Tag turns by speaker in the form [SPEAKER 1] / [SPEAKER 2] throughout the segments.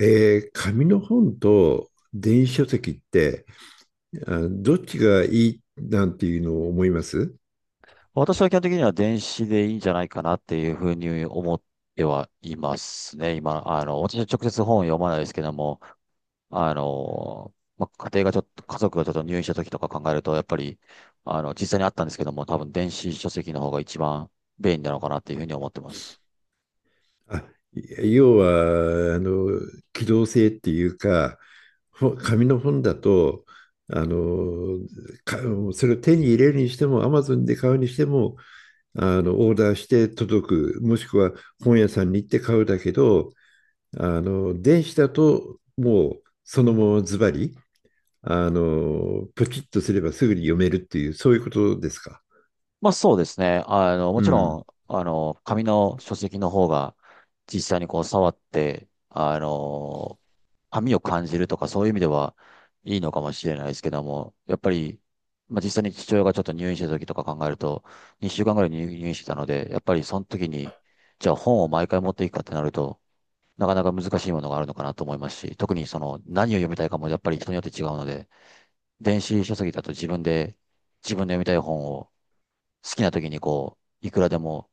[SPEAKER 1] 紙の本と電子書籍ってどっちがいいなんていうのを思います？
[SPEAKER 2] 私は基本的には電子でいいんじゃないかなっていうふうに思ってはいますね。今、私は直接本を読まないですけども、あの、家族がちょっと入院した時とか考えると、やっぱり、あの、実際にあったんですけども、多分電子書籍の方が一番便利なのかなっていうふうに思ってます。
[SPEAKER 1] あ、要は、機動性っていうか、紙の本だと、あの、か、それを手に入れるにしても、Amazon で買うにしても、オーダーして届く、もしくは本屋さんに行って買うだけど、電子だと、もう、そのままズバリ、ポチッとすればすぐに読めるっていう、そういうことですか？
[SPEAKER 2] まあそうですね。も
[SPEAKER 1] う
[SPEAKER 2] ちろ
[SPEAKER 1] ん。
[SPEAKER 2] ん、紙の書籍の方が実際にこう触って、紙を感じるとかそういう意味ではいいのかもしれないですけども、やっぱり、まあ実際に父親がちょっと入院した時とか考えると、2週間ぐらい入院してたので、やっぱりその時に、じゃあ本を毎回持っていくかってなると、なかなか難しいものがあるのかなと思いますし、特にその何を読みたいかもやっぱり人によって違うので、電子書籍だと自分で、自分の読みたい本を好きな時にこう、いくらでも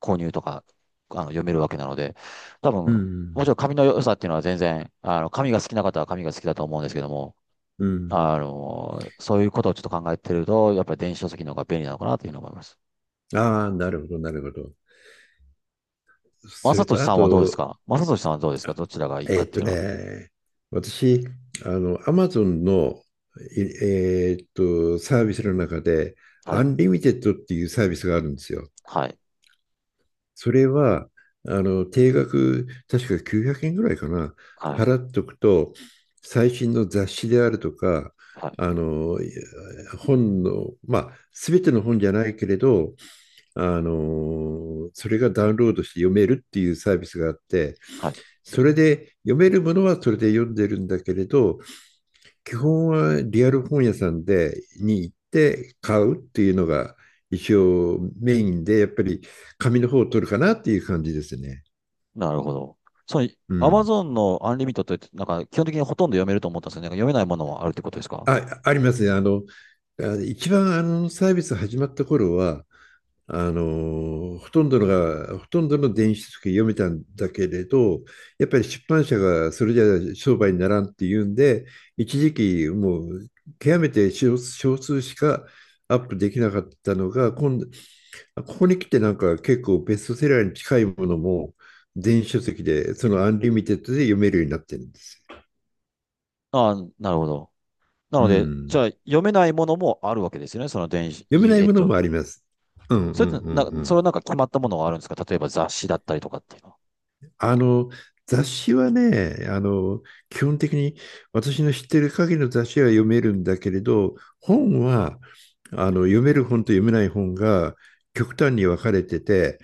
[SPEAKER 2] 購入とか、読めるわけなので、多
[SPEAKER 1] う
[SPEAKER 2] 分、もちろ
[SPEAKER 1] ん。
[SPEAKER 2] ん紙の良さっていうのは全然、紙が好きな方は紙が好きだと思うんですけども、
[SPEAKER 1] うん。
[SPEAKER 2] あの、そういうことをちょっと考えてると、やっぱり電子書籍の方が便利なのかなというふうに思います。
[SPEAKER 1] ああ、なるほど、なるほど。そ
[SPEAKER 2] 正
[SPEAKER 1] れ
[SPEAKER 2] 俊
[SPEAKER 1] と、あ
[SPEAKER 2] さんはどうです
[SPEAKER 1] と、
[SPEAKER 2] か正俊さんはどうですかどちらがいいか
[SPEAKER 1] え
[SPEAKER 2] っ
[SPEAKER 1] ーっ
[SPEAKER 2] てい
[SPEAKER 1] と
[SPEAKER 2] うのは。
[SPEAKER 1] ね、私、アマゾンの、いえーっと、サービスの中で、
[SPEAKER 2] は
[SPEAKER 1] ア
[SPEAKER 2] い。
[SPEAKER 1] ンリミテッドっていうサービスがあるんですよ。
[SPEAKER 2] はい。
[SPEAKER 1] それは、定額、確か900円ぐらいかな、
[SPEAKER 2] はい。
[SPEAKER 1] 払っとくと、最新の雑誌であるとか、
[SPEAKER 2] はい。
[SPEAKER 1] あの、い本の、まあ、すべての本じゃないけれど、それがダウンロードして読めるっていうサービスがあって、
[SPEAKER 2] はい。
[SPEAKER 1] それで読めるものはそれで読んでるんだけれど、基本はリアル本屋さんでに行って買うっていうのが一応メインで、やっぱり紙の方を取るかなっていう感じですね。
[SPEAKER 2] なるほど。そう、
[SPEAKER 1] う
[SPEAKER 2] アマ
[SPEAKER 1] ん。
[SPEAKER 2] ゾンのアンリミットって、なんか基本的にほとんど読めると思ったんですよね。なんか読めないものもあるってことですか？
[SPEAKER 1] あ、ありますね。一番サービス始まった頃は、ほとんどの電子書籍読めたんだけれど、やっぱり出版社がそれじゃ商売にならんっていうんで、一時期もう極めて少数しかアップできなかったのが、今度、ここに来てなんか結構ベストセラーに近いものも電子書籍で、そのアンリ
[SPEAKER 2] う
[SPEAKER 1] ミ
[SPEAKER 2] ん。
[SPEAKER 1] テッドで読めるようになってるんですよ。
[SPEAKER 2] ああ、なるほど。な
[SPEAKER 1] う
[SPEAKER 2] ので、じ
[SPEAKER 1] ん。
[SPEAKER 2] ゃあ読めないものもあるわけですよね。その電子、
[SPEAKER 1] 読め
[SPEAKER 2] い
[SPEAKER 1] ない
[SPEAKER 2] えっ
[SPEAKER 1] もの
[SPEAKER 2] と、
[SPEAKER 1] もあります。うんうんうんう
[SPEAKER 2] それ
[SPEAKER 1] ん。
[SPEAKER 2] はなんか決まったものがあるんですか？例えば雑誌だったりとかっていうのは。
[SPEAKER 1] あの、雑誌はね、基本的に私の知ってる限りの雑誌は読めるんだけれど、本は、読める本と読めない本が極端に分かれてて、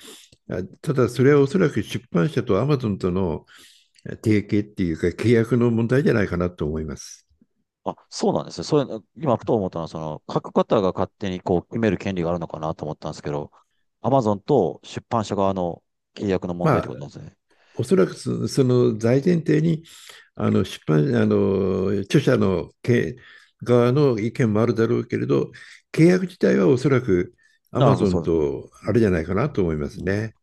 [SPEAKER 2] うん。
[SPEAKER 1] ただそれはおそらく出版社とアマゾンとの提携っていうか契約の問題じゃないかなと思います。
[SPEAKER 2] あ、そうなんですね。それ、今ふと思ったのは、その、書く方が勝手にこう決める権利があるのかなと思ったんですけど、アマゾンと出版社側の契約の問題っ
[SPEAKER 1] ま
[SPEAKER 2] てこ
[SPEAKER 1] あ、
[SPEAKER 2] となんですね。
[SPEAKER 1] おそらくその大前提にあの出版、あの著者の側の意見もあるだろうけれど、契約自体はおそらくア
[SPEAKER 2] なる
[SPEAKER 1] マ
[SPEAKER 2] ほど、
[SPEAKER 1] ゾ
[SPEAKER 2] そ
[SPEAKER 1] ン
[SPEAKER 2] うです。うん。
[SPEAKER 1] と
[SPEAKER 2] う
[SPEAKER 1] あれ
[SPEAKER 2] ん。
[SPEAKER 1] じゃないかなと思います
[SPEAKER 2] うん。
[SPEAKER 1] ね。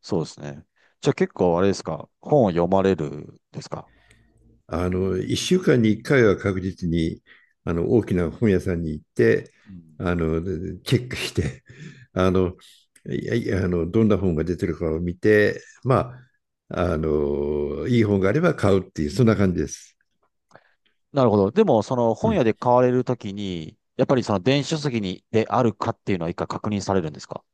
[SPEAKER 2] そうですね。じゃあ結構あれですか？本を読まれるですか？
[SPEAKER 1] 1週間に1回は確実に大きな本屋さんに行って
[SPEAKER 2] うん。
[SPEAKER 1] あのチェックしてあのいやいやどんな本が出てるかを見て、まあ、いい本があれば買うっていうそんな感じです。
[SPEAKER 2] なるほど。でも、その
[SPEAKER 1] う
[SPEAKER 2] 本屋
[SPEAKER 1] ん
[SPEAKER 2] で買われるときに、やっぱりその電子書籍にであるかっていうのは一回確認されるんですか？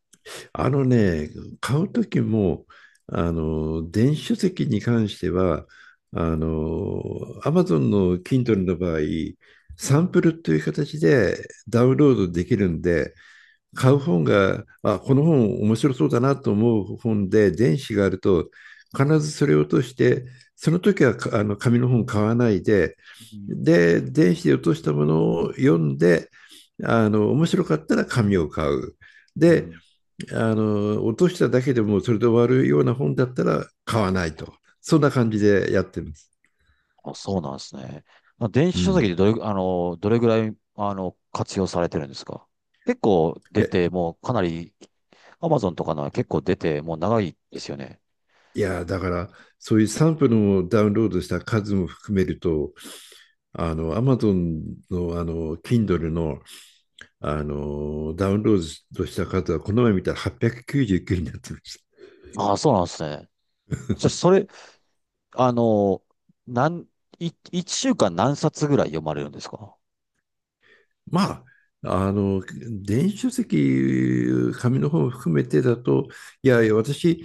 [SPEAKER 1] あのね、買う時も、電子書籍に関しては、あの、Amazon の Kindle の場合、サンプルという形でダウンロードできるんで、買う本が、この本面白そうだなと思う本で、電子があると、必ずそれを落として、その時はかあの紙の本買わないで、
[SPEAKER 2] うん。
[SPEAKER 1] で、電子で落としたものを読んで、面白かったら紙を買う。
[SPEAKER 2] う
[SPEAKER 1] で、
[SPEAKER 2] ん。
[SPEAKER 1] 落としただけでもそれで終わるような本だったら買わないと。そんな感じでやってます。
[SPEAKER 2] あ、そうなんですね。まあ電子
[SPEAKER 1] う
[SPEAKER 2] 書籍で
[SPEAKER 1] ん。
[SPEAKER 2] あの、どれぐらい、あの、活用されてるんですか？結構
[SPEAKER 1] い
[SPEAKER 2] 出
[SPEAKER 1] や、
[SPEAKER 2] て、もうかなり、アマゾンとかのは結構出て、もう長いですよね。
[SPEAKER 1] いやだから、そういうサンプルをダウンロードした数も含めると、Amazon の、Kindle の、ダウンロードした数は、この前見たら899になってました。
[SPEAKER 2] ああ、そうなんですね。じゃあ、それ、あの、なん、一週間何冊ぐらい読まれるんですか？
[SPEAKER 1] まあ、電子書籍、紙の本を含めてだと、いやいや、私、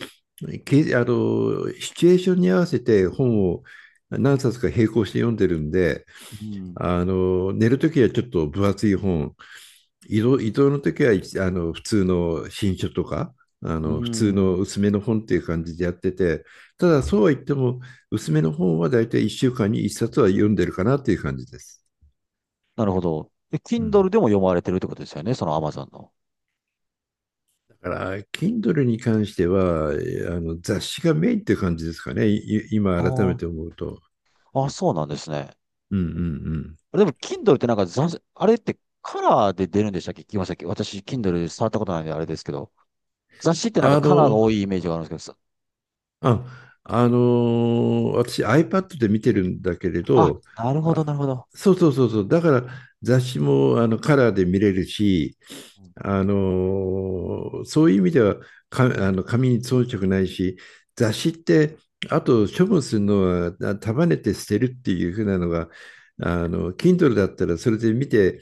[SPEAKER 1] け、あの、シチュエーションに合わせて本を何冊か並行して読んでるんで、
[SPEAKER 2] うん。
[SPEAKER 1] 寝るときはちょっと分厚い本、移動のときは、普通の新書とか、
[SPEAKER 2] う
[SPEAKER 1] 普通の
[SPEAKER 2] ん。
[SPEAKER 1] 薄めの本っていう感じでやってて、ただそうは言っても、薄めの本は大体1週間に1冊は読んでるかなっていう感じです。
[SPEAKER 2] なるほど。え、
[SPEAKER 1] うん。
[SPEAKER 2] Kindle でも読まれてるってことですよね、その Amazon の。
[SPEAKER 1] だから、Kindle に関しては、えあの雑誌がメインって感じですかね、今改め
[SPEAKER 2] あ
[SPEAKER 1] て思うと。
[SPEAKER 2] あ、あ、そうなんですね。
[SPEAKER 1] うんうんうん。
[SPEAKER 2] でも Kindle ってなんか雑誌、あれってカラーで出るんでしたっけ？聞きましたっけ？私、Kindle で触ったことないんであれですけど。雑誌ってなんか
[SPEAKER 1] あ
[SPEAKER 2] カラーが
[SPEAKER 1] の、
[SPEAKER 2] 多いイメージがあるんですけど、
[SPEAKER 1] 私 iPad で見てるんだけれ
[SPEAKER 2] あ、
[SPEAKER 1] ど、
[SPEAKER 2] なるほど、な
[SPEAKER 1] あ、
[SPEAKER 2] るほど。
[SPEAKER 1] そうそうそうそう、だから雑誌もカラーで見れるし、
[SPEAKER 2] うん、
[SPEAKER 1] あのそういう意味ではか、あの紙に遜色ないし、雑誌って、あと処分するのは束ねて捨てるっていうふうなのが、Kindle だったらそれで見て、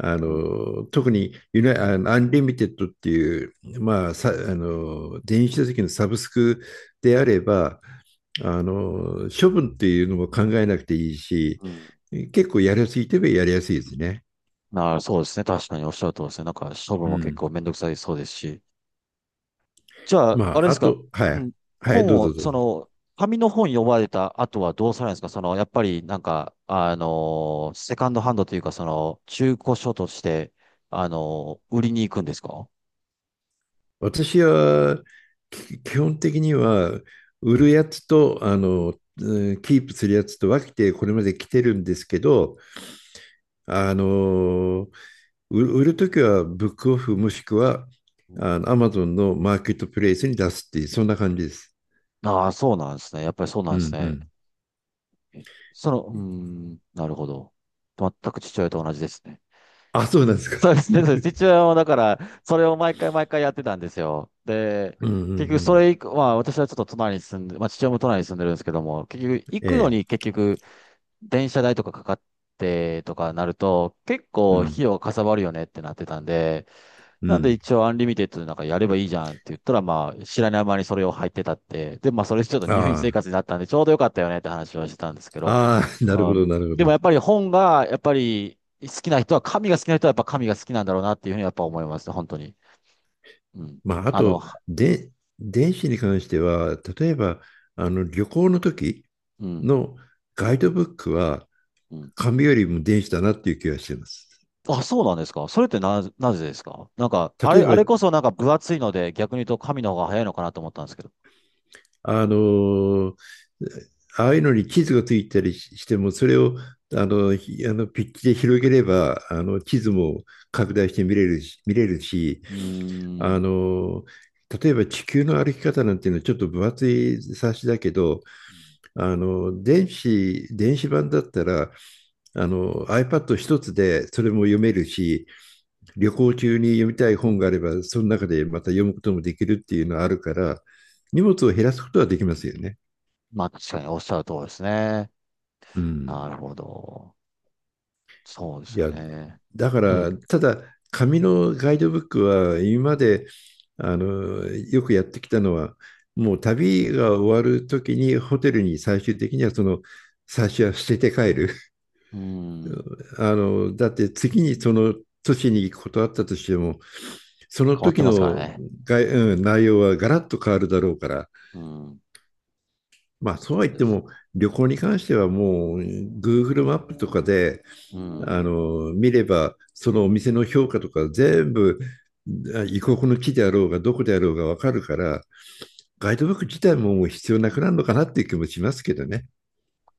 [SPEAKER 1] あ
[SPEAKER 2] うん。
[SPEAKER 1] の特にユナ、あのアンリミテッドっていう、まあ、さあの電子書籍のサブスクであれば、処分っていうのも考えなくていいし、結構やりやすいといえばやりやすいですね。
[SPEAKER 2] なあ、そうですね。確かにおっしゃるとおりですね。なんか、処分
[SPEAKER 1] う
[SPEAKER 2] も結
[SPEAKER 1] ん。
[SPEAKER 2] 構めんどくさいそうですし。じゃあ、あ
[SPEAKER 1] ま
[SPEAKER 2] れ
[SPEAKER 1] あ、
[SPEAKER 2] で
[SPEAKER 1] あ
[SPEAKER 2] すか、
[SPEAKER 1] と、は
[SPEAKER 2] う
[SPEAKER 1] い、
[SPEAKER 2] ん、
[SPEAKER 1] はい、
[SPEAKER 2] 本
[SPEAKER 1] どう
[SPEAKER 2] を、
[SPEAKER 1] ぞどう
[SPEAKER 2] そ
[SPEAKER 1] ぞ。
[SPEAKER 2] の、紙の本読まれた後はどうされるんですか？その、やっぱりなんか、あのーセカンドハンドというか、その、中古書として、あのー売りに行くんですか？
[SPEAKER 1] 私は、基本的には、売るやつと、キープするやつと分けてこれまで来てるんですけど、あの、売るときはブックオフもしくは、
[SPEAKER 2] うん。
[SPEAKER 1] アマゾンのマーケットプレイスに出すっていう、そんな感じです。
[SPEAKER 2] ああー、そうなんですね。やっぱりそうな
[SPEAKER 1] う
[SPEAKER 2] んです
[SPEAKER 1] ん。う
[SPEAKER 2] ね。
[SPEAKER 1] ん。
[SPEAKER 2] その、うーん、なるほど。全く父親と同じですね。
[SPEAKER 1] あ、そうなんですか？
[SPEAKER 2] そうですね、そうです。一応、だから、それを毎回毎回やってたんですよ。で、
[SPEAKER 1] うんうんう
[SPEAKER 2] 結局、そ
[SPEAKER 1] ん。
[SPEAKER 2] れ以降、まあ、私はちょっと隣に住んで、まあ、父親も隣に住んでるんですけども、結局、行
[SPEAKER 1] え
[SPEAKER 2] くのに
[SPEAKER 1] え。
[SPEAKER 2] 結局、電車代とかかかってとかなると、結
[SPEAKER 1] う
[SPEAKER 2] 構、
[SPEAKER 1] ん。
[SPEAKER 2] 費用がかさばるよねってなってたんで、
[SPEAKER 1] う
[SPEAKER 2] なんで
[SPEAKER 1] ん。
[SPEAKER 2] 一応、アンリミテッドでなんかやればいいじゃんって言ったら、まあ、知らない間にそれを入ってたって、で、まあ、それちょっと入院
[SPEAKER 1] あ
[SPEAKER 2] 生活になったんで、ちょうどよかったよねって話はしてたんですけ
[SPEAKER 1] あ。
[SPEAKER 2] ど、
[SPEAKER 1] ああ、なる
[SPEAKER 2] あ
[SPEAKER 1] ほ
[SPEAKER 2] ー
[SPEAKER 1] ど、なるほ
[SPEAKER 2] でも
[SPEAKER 1] ど。
[SPEAKER 2] やっぱり本が、やっぱり好きな人は、神が好きな人はやっぱ神が好きなんだろうなっていうふうにやっぱ思います、本当に。うん。
[SPEAKER 1] まあ、あ
[SPEAKER 2] あの、
[SPEAKER 1] と、
[SPEAKER 2] は
[SPEAKER 1] で、電子に関しては、例えば、旅行の時
[SPEAKER 2] うん、
[SPEAKER 1] のガイドブックは、
[SPEAKER 2] うん。
[SPEAKER 1] 紙よりも電子だなっていう気がしてます。
[SPEAKER 2] あ、そうなんですか？それってな、なぜですか？なんか、
[SPEAKER 1] 例え
[SPEAKER 2] あ
[SPEAKER 1] ば、
[SPEAKER 2] れこそなんか分厚いので、逆に言うと神の方が早いのかなと思ったんですけど。
[SPEAKER 1] あの、ああいうのに地図がついたりしても、それをあのひあのピッチで広げれば、地図も拡大して見れるし、
[SPEAKER 2] うー
[SPEAKER 1] あ
[SPEAKER 2] ん。
[SPEAKER 1] の、例えば地球の歩き方なんていうのはちょっと分厚い冊子だけど、電子版だったら、iPad 一つでそれも読めるし、旅行中に読みたい本があれば、その中でまた読むこともできるっていうのはあるから、荷物を減らすことはできますよね。
[SPEAKER 2] まあ確かにおっしゃる通りですね。
[SPEAKER 1] う
[SPEAKER 2] な
[SPEAKER 1] ん。
[SPEAKER 2] るほど。そうです
[SPEAKER 1] い
[SPEAKER 2] よ
[SPEAKER 1] や、
[SPEAKER 2] ね。
[SPEAKER 1] だか
[SPEAKER 2] う
[SPEAKER 1] ら、
[SPEAKER 2] ん。
[SPEAKER 1] ただ、紙のガイドブックは、今まで、よくやってきたのは、もう旅が終わるときに、ホテルに最終的には、その、最初は捨てて帰る。
[SPEAKER 2] うん。
[SPEAKER 1] だって次にその都市に行くことあったとしても、その
[SPEAKER 2] 変わって
[SPEAKER 1] 時
[SPEAKER 2] ますから
[SPEAKER 1] の
[SPEAKER 2] ね。
[SPEAKER 1] が、うん、内容はガラッと変わるだろうから、
[SPEAKER 2] うん。
[SPEAKER 1] まあそうは
[SPEAKER 2] そう
[SPEAKER 1] 言っ
[SPEAKER 2] で
[SPEAKER 1] て
[SPEAKER 2] す。
[SPEAKER 1] も旅行に関してはもう Google マップとかで
[SPEAKER 2] うん。
[SPEAKER 1] 見ればそのお店の評価とか全部異国の木であろうがどこであろうが分かるからガイドブック自体ももう必要なくなるのかなっていう気もしますけどね。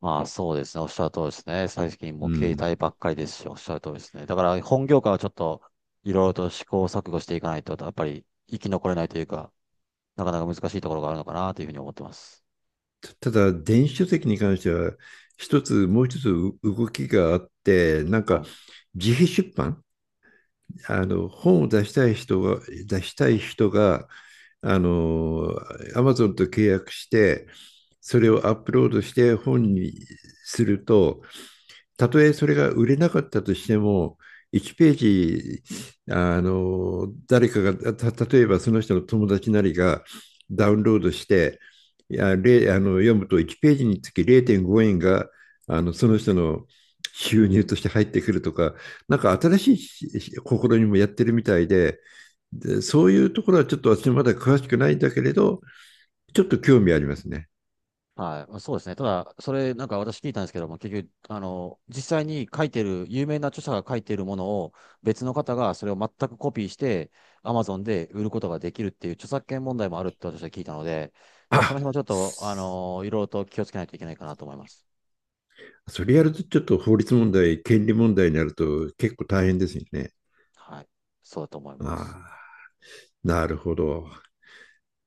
[SPEAKER 2] まあそうですね。おっしゃる通りですね。最近も
[SPEAKER 1] う
[SPEAKER 2] う携
[SPEAKER 1] ん、
[SPEAKER 2] 帯ばっかりですし、おっしゃる通りですね。だから本業界はちょっといろいろと試行錯誤していかないと、やっぱり生き残れないというか、なかなか難しいところがあるのかなというふうに思ってます。
[SPEAKER 1] ただ電子書籍に関してはもう一つ動きがあってなん
[SPEAKER 2] は
[SPEAKER 1] か
[SPEAKER 2] い。
[SPEAKER 1] 自費出版本を出したい人が出したい人があの Amazon と契約してそれをアップロードして本にするとたとえそれが売れなかったとしても、1ページ、誰かが、例えばその人の友達なりがダウンロードして、いや、れ、あの、読むと1ページにつき0.5円が、その人の
[SPEAKER 2] う
[SPEAKER 1] 収入
[SPEAKER 2] ん。
[SPEAKER 1] として入ってくるとか、なんか新しい試みもやってるみたいで、で、そういうところはちょっと私まだ詳しくないんだけれど、ちょっと興味ありますね。
[SPEAKER 2] はい、そうですね。ただ、それ、なんか私聞いたんですけども、結局、あの、実際に書いてる、有名な著者が書いてるものを、別の方がそれを全くコピーして、Amazon で売ることができるっていう著作権問題もあるって私は聞いたので、だからその
[SPEAKER 1] あ
[SPEAKER 2] 辺もちょっと、あの、いろいろと気をつけないといけないかなと思います。
[SPEAKER 1] それやるとちょっと法律問題、権利問題になると結構大変ですよね。
[SPEAKER 2] はい、そうだと思い
[SPEAKER 1] あ
[SPEAKER 2] ます。
[SPEAKER 1] あ、なるほど。